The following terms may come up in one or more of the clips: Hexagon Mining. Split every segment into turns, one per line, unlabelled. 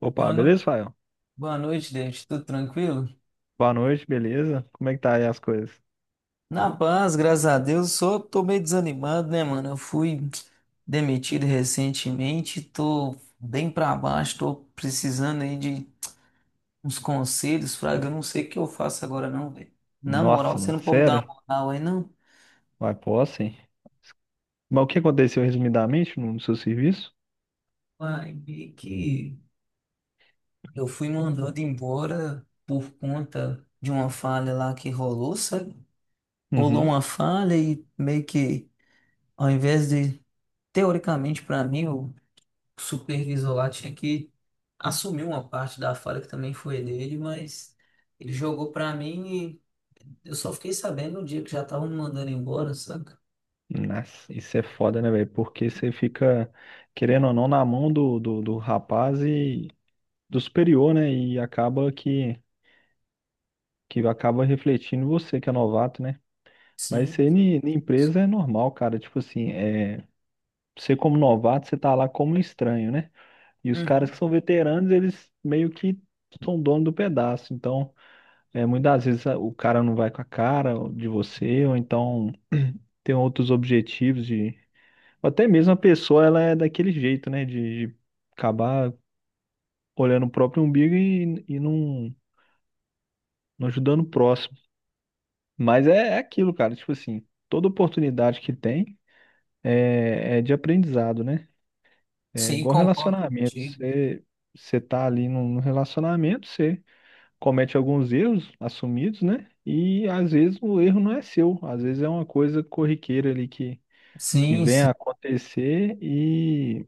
Opa,
Boa
beleza,
noite.
Fael?
Boa noite, David. Tudo tranquilo?
Boa noite, beleza? Como é que tá aí as coisas?
Na paz, graças a Deus. Só tô meio desanimado, né, mano? Eu fui demitido recentemente, tô bem pra baixo, tô precisando aí de uns conselhos, Fraga. Eu não sei o que eu faço agora, não, velho. Na moral,
Nossa,
você
mano,
não pode me dar
sério?
uma moral aí, não?
Vai, posso, hein? Mas o que aconteceu resumidamente no seu serviço?
Vai ver que eu fui mandado embora por conta de uma falha lá que rolou, sabe? Rolou
Uhum.
uma falha e meio que, ao invés de, teoricamente pra mim, eu o supervisor lá tinha que assumir uma parte da falha que também foi dele, mas ele jogou pra mim e eu só fiquei sabendo no dia que já estavam me mandando embora, saca?
Nossa, isso é foda, né, velho? Porque você fica, querendo ou não, na mão do rapaz e do superior, né? E acaba que acaba refletindo em você, que é novato, né? Mas
Sim.
isso aí na empresa é normal, cara. Tipo assim, você como novato, você tá lá como um estranho, né? E os caras
Uhum.
que são veteranos, eles meio que são dono do pedaço. Então, muitas vezes o cara não vai com a cara de você, ou então tem outros objetivos de, ou até mesmo a pessoa, ela é daquele jeito, né? De acabar olhando o próprio umbigo e não, não ajudando o próximo. Mas é, é aquilo, cara. Tipo assim, toda oportunidade que tem é, é de aprendizado, né? É
Sim,
igual
concordo
relacionamento.
contigo.
Você, você tá ali num relacionamento, você comete alguns erros assumidos, né? E às vezes o erro não é seu, às vezes é uma coisa corriqueira ali que
Sim,
vem a
sim.
acontecer e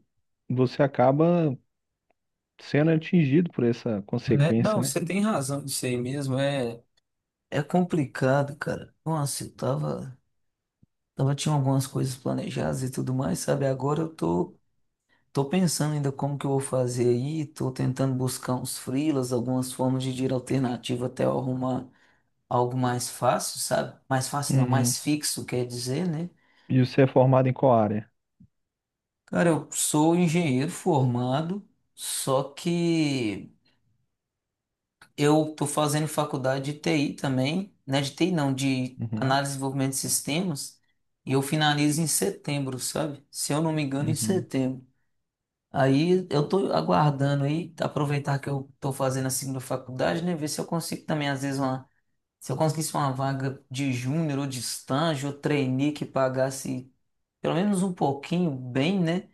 você acaba sendo atingido por essa
É, não,
consequência, né?
você tem razão disso aí mesmo. É, é complicado, cara. Nossa, eu tava, tinha algumas coisas planejadas e tudo mais, sabe? Agora eu tô pensando ainda como que eu vou fazer aí, tô tentando buscar uns freelas, algumas formas de dinheiro alternativo até eu arrumar algo mais fácil, sabe? Mais fácil não, mais
Uhum.
fixo, quer dizer, né?
E você é formado em qual área?
Cara, eu sou engenheiro formado, só que eu tô fazendo faculdade de TI também, né? De TI não, de
Uhum.
análise e desenvolvimento de sistemas, e eu finalizo em setembro, sabe? Se eu não me engano, em
Uhum.
setembro. Aí eu tô aguardando aí, aproveitar que eu tô fazendo a segunda faculdade, né? Ver se eu consigo também, às vezes, uma, se eu conseguisse uma vaga de júnior ou de estágio, ou trainee que pagasse pelo menos um pouquinho bem, né?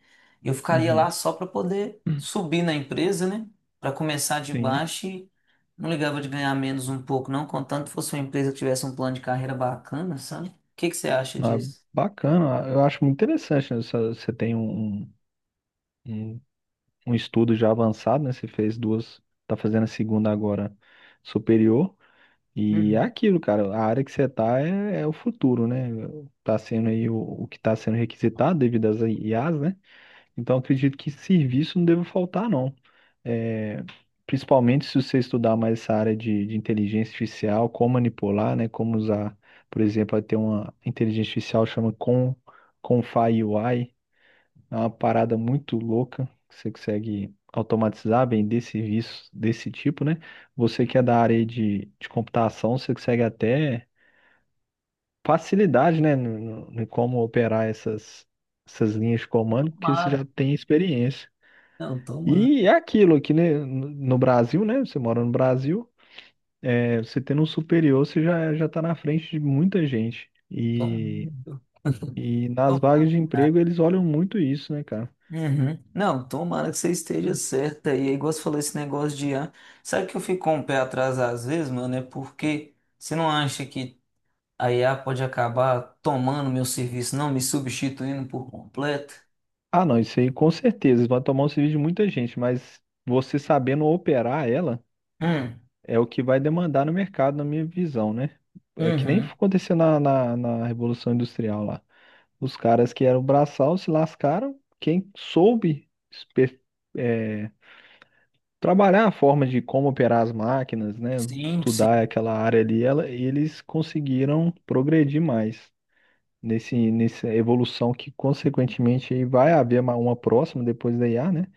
Eu ficaria lá
Uhum.
só para poder subir na empresa, né? Para começar de
Sim.
baixo e não ligava de ganhar menos um pouco, não, contanto fosse uma empresa que tivesse um plano de carreira bacana, sabe? O que que você acha
Ah,
disso?
bacana. Ah, eu acho muito interessante, né? Você tem um um estudo já avançado, né? Você fez duas, tá fazendo a segunda agora superior. E é
Uhum.
aquilo, cara, a área que você tá é, é o futuro, né? Tá sendo aí o que tá sendo requisitado devido às I as, né? Então acredito que serviço não deve faltar, não. É, principalmente se você estudar mais essa área de inteligência artificial, como manipular, né? Como usar, por exemplo, vai ter uma inteligência artificial chama Confai UI, é uma parada muito louca que você consegue automatizar bem desse serviço desse tipo, né? Você que é da área aí de computação, você consegue até facilidade, né, no como operar essas, essas linhas de comando, porque você já
Tomara.
tem experiência.
Não, tomara.
E é aquilo aqui, né, no Brasil, né? Você mora no Brasil, é, você tendo um superior, você já, já está na frente de muita gente.
Tomara.
E nas vagas de
Tomara.
emprego, eles olham muito isso, né, cara?
Uhum. Não, tomara que você esteja certa. E aí, é igual você falou, esse negócio de IA. Sabe que eu fico com o pé atrás às vezes, mano? É porque você não acha que a IA pode acabar tomando meu serviço, não me substituindo por completo?
Ah, não, isso aí com certeza vai tomar um serviço de muita gente, mas você sabendo operar ela
Hum,
é o que vai demandar no mercado, na minha visão, né? É que nem
uhum.
aconteceu na Revolução Industrial lá. Os caras que eram braçal se lascaram, quem soube é, trabalhar a forma de como operar as máquinas, né?
Sim, sim.
Estudar aquela área ali, ela, eles conseguiram progredir mais. Nessa evolução que, consequentemente, aí vai haver uma próxima depois da IA, né?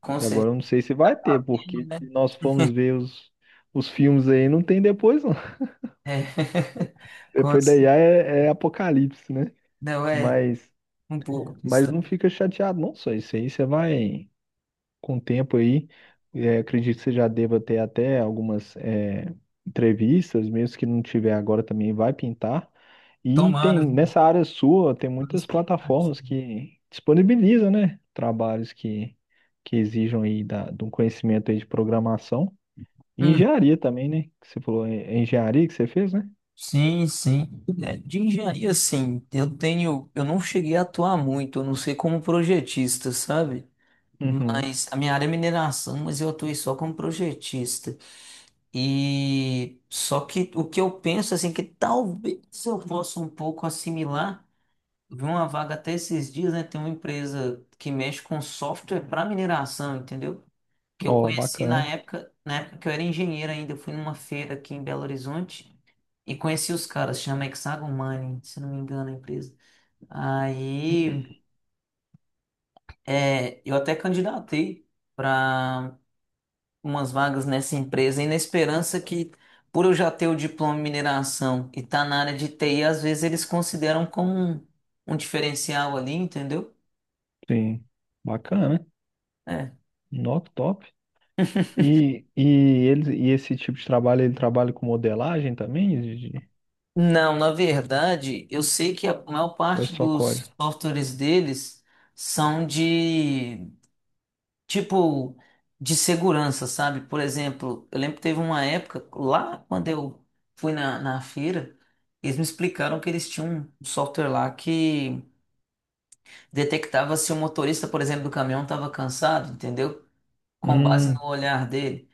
Com
E agora
certeza.
eu não sei se vai ter,
Tá tendo,
porque
né?
se nós formos ver os filmes aí, não tem depois, não.
É. Com
Depois da IA
certeza.
é, é apocalipse, né?
Não, é
Mas,
um pouco disso
mas não
também.
fica chateado, não, só isso aí. Você vai com o tempo aí. É, acredito que você já deva ter até algumas é, entrevistas, mesmo que não tiver agora também, vai pintar. E tem
Tomara, viu?
nessa área sua, tem
Tô na
muitas plataformas
expectativa.
que disponibilizam, né? Trabalhos que exijam aí da, de um conhecimento aí de programação. E
Uhum.
engenharia também, né? Que você falou é engenharia que você fez, né?
Sim, sim. É, de engenharia, sim eu tenho, eu não cheguei a atuar muito, eu não sei como projetista, sabe?
Uhum.
Mas a minha área é mineração, mas eu atuei só como projetista. E só que o que eu penso, assim, que talvez eu possa um pouco assimilar. Eu vi uma vaga até esses dias, né? Tem uma empresa que mexe com software para mineração, entendeu? Que eu
Ó,
conheci
bacana.
na época que eu era engenheiro ainda, eu fui numa feira aqui em Belo Horizonte e conheci os caras, chama Hexagon Mining, se não me engano a empresa. Aí eu até candidatei para umas vagas nessa empresa e na esperança que, por eu já ter o diploma em mineração e estar tá na área de TI, às vezes eles consideram como um diferencial ali, entendeu?
Sim. Bacana.
É,
Not top. Eles, e esse tipo de trabalho, ele trabalha com modelagem também, Gigi?
Não, na verdade, eu sei que a maior
Ou é
parte
só código?
dos softwares deles são de tipo de segurança, sabe? Por exemplo, eu lembro que teve uma época lá quando eu fui na feira, eles me explicaram que eles tinham um software lá que detectava se o motorista, por exemplo, do caminhão estava cansado, entendeu? Com base
Hum,
no olhar dele.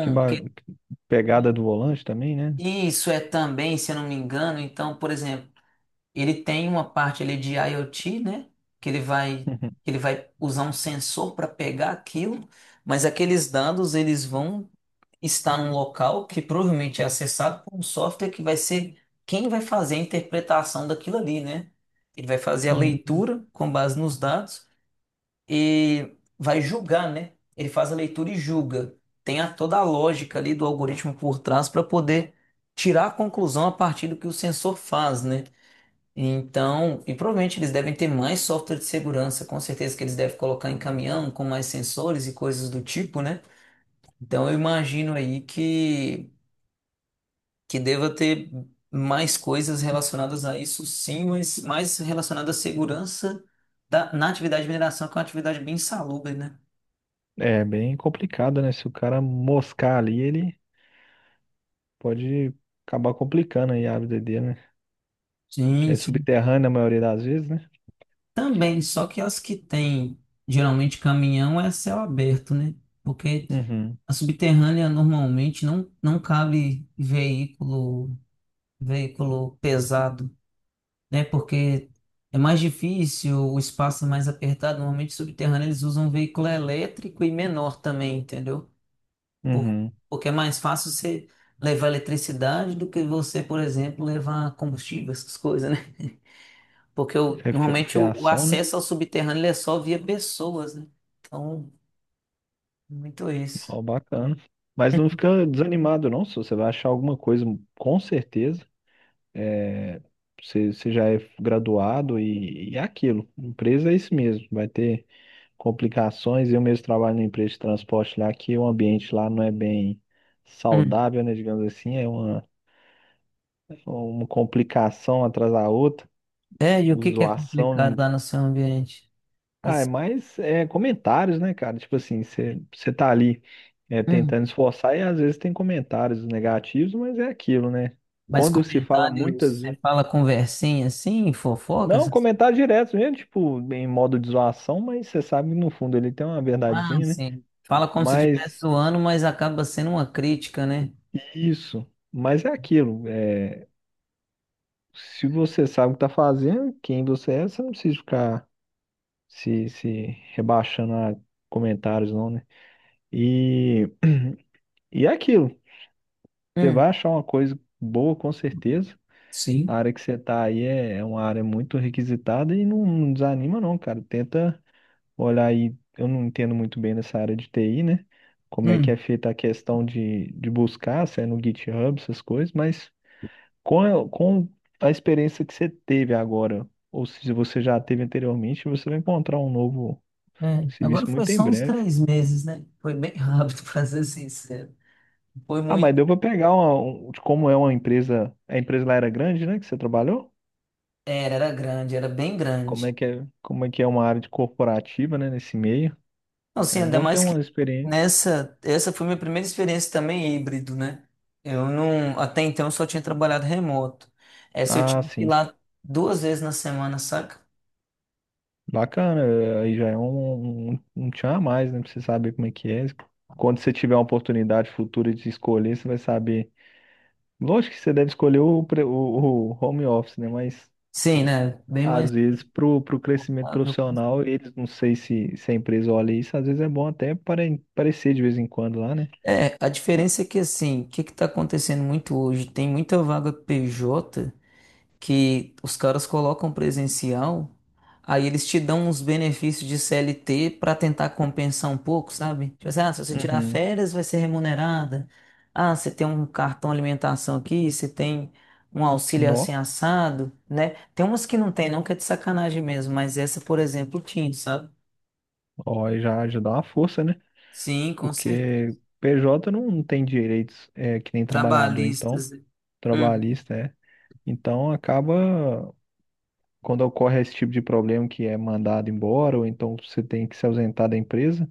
que ba- pegada do volante também, né?
isso é também, se eu não me engano, então, por exemplo. Ele tem uma parte ali de IoT, né? Que ele vai,
Uhum.
que ele vai usar um sensor para pegar aquilo, mas aqueles dados eles vão estar num local que provavelmente é acessado por um software que vai ser quem vai fazer a interpretação daquilo ali, né? Ele vai fazer a
Hum,
leitura com base nos dados e vai julgar, né? Ele faz a leitura e julga. Tem toda a lógica ali do algoritmo por trás para poder tirar a conclusão a partir do que o sensor faz, né? Então, e provavelmente eles devem ter mais software de segurança, com certeza que eles devem colocar em caminhão com mais sensores e coisas do tipo, né? Então eu imagino aí que deva ter mais coisas relacionadas a isso, sim, mas mais relacionadas à segurança da, na atividade de mineração, que é uma atividade bem insalubre, né?
é bem complicado, né? Se o cara moscar ali, ele pode acabar complicando aí a vida dele, né? Que
Sim,
é
sim.
subterrânea a maioria das vezes, né?
Também, só que as que têm geralmente caminhão é céu aberto, né? Porque
Uhum,
a subterrânea normalmente não cabe veículo pesado, né? Porque é mais difícil, o espaço é mais apertado. Normalmente, subterrâneo, eles usam um veículo elétrico e menor também, entendeu? Por-
uhum.
porque é mais fácil você levar eletricidade do que você, por exemplo, levar combustível, essas coisas, né? Porque normalmente o
Fiação, né?
acesso ao subterrâneo ele é só via pessoas, né? Então, muito isso.
Ó, bacana. Mas não fica desanimado, não, se você vai achar alguma coisa, com certeza. É, você, você já é graduado e é aquilo. Empresa é isso mesmo, vai ter complicações. Eu mesmo trabalho numa empresa de transporte lá, que o ambiente lá não é bem
Hum.
saudável, né? Digamos assim, é uma complicação atrás da outra.
É, e o
Sim.
que que é complicado
Zoação?
lá no seu ambiente?
Ah, é mais é, comentários, né, cara? Tipo assim, você tá ali é,
Assim,
tentando esforçar e às vezes tem comentários negativos, mas é aquilo, né?
mas
Quando se fala
comentários,
muitas
você
vezes.
fala conversinha assim, fofoca,
Não,
essas...
comentário direto mesmo, tipo, em modo de zoação, mas você sabe que no fundo ele tem uma
Ah,
verdadezinha, né?
sim. Fala como se estivesse
Mas
zoando, mas acaba sendo uma crítica, né?
isso, mas é aquilo. É, se você sabe o que tá fazendo, quem você é, você não precisa ficar se rebaixando a comentários, não, né? E, e é aquilo. Você
Hum,
vai achar uma coisa boa, com certeza.
sim.
A área que você tá aí é, é uma área muito requisitada e não, não desanima, não, cara. Tenta olhar aí. Eu não entendo muito bem nessa área de TI, né? Como é que
Hum,
é feita a questão de buscar, se é no GitHub, essas coisas, mas com a experiência que você teve agora, ou se você já teve anteriormente, você vai encontrar um novo
é. Agora
serviço
foi
muito em
só uns
breve.
3 meses, né? Foi bem rápido, pra ser sincero. Foi
Ah, mas
muito.
deu pra pegar de como é uma empresa. A empresa lá era grande, né? Que você trabalhou?
Era grande, era bem
Como
grande.
é que é, como é que é uma área de corporativa, né, nesse meio.
Então, assim,
É
ainda
bom ter
mais que
uma experiência.
nessa. Essa foi minha primeira experiência também híbrido, né? Eu não. Até então eu só tinha trabalhado remoto. Essa eu
Ah,
tinha que ir
sim.
lá 2 vezes na semana, saca?
Bacana, eh, aí já é um tchan a mais, né, pra você saber como é que é. Quando você tiver uma oportunidade futura de escolher, você vai saber. Lógico que você deve escolher o home office, né, mas
Sim, né? Bem mais
às vezes pro crescimento
rentável.
profissional, eles, não sei se a empresa olha isso, às vezes é bom até aparecer de vez em quando lá, né?
É, a diferença é que assim, o que que tá acontecendo muito hoje? Tem muita vaga PJ que os caras colocam presencial, aí eles te dão uns benefícios de CLT para tentar compensar um pouco, sabe? Tipo assim, ah, se você tirar
Uhum.
férias, vai ser remunerada. Ah, você tem um cartão alimentação aqui, você tem um auxílio assim
Nó,
assado, né? Tem umas que não tem, não que é de sacanagem mesmo, mas essa, por exemplo, tinha, sabe?
ó, aí já, já dá uma força, né?
Sim, com certeza.
Porque PJ não tem direitos é, que nem trabalhador, então,
Trabalhistas. Hum,
trabalhista, é. Então acaba, quando ocorre esse tipo de problema que é mandado embora, ou então você tem que se ausentar da empresa,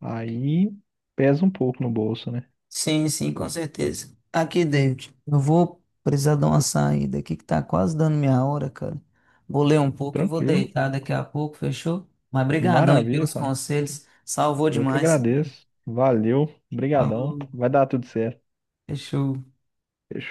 aí pesa um pouco no bolso, né?
sim, sim, com certeza. Aqui, David, eu vou precisar dar uma saída aqui que tá quase dando minha hora, cara. Vou ler um pouco e vou
Tranquilo.
deitar daqui a pouco, fechou? Mas brigadão aí
Maravilha,
pelos
cara.
conselhos, salvou
Eu que
demais.
agradeço. Valeu, obrigadão.
Falou,
Vai dar tudo certo.
fechou.
Fechou.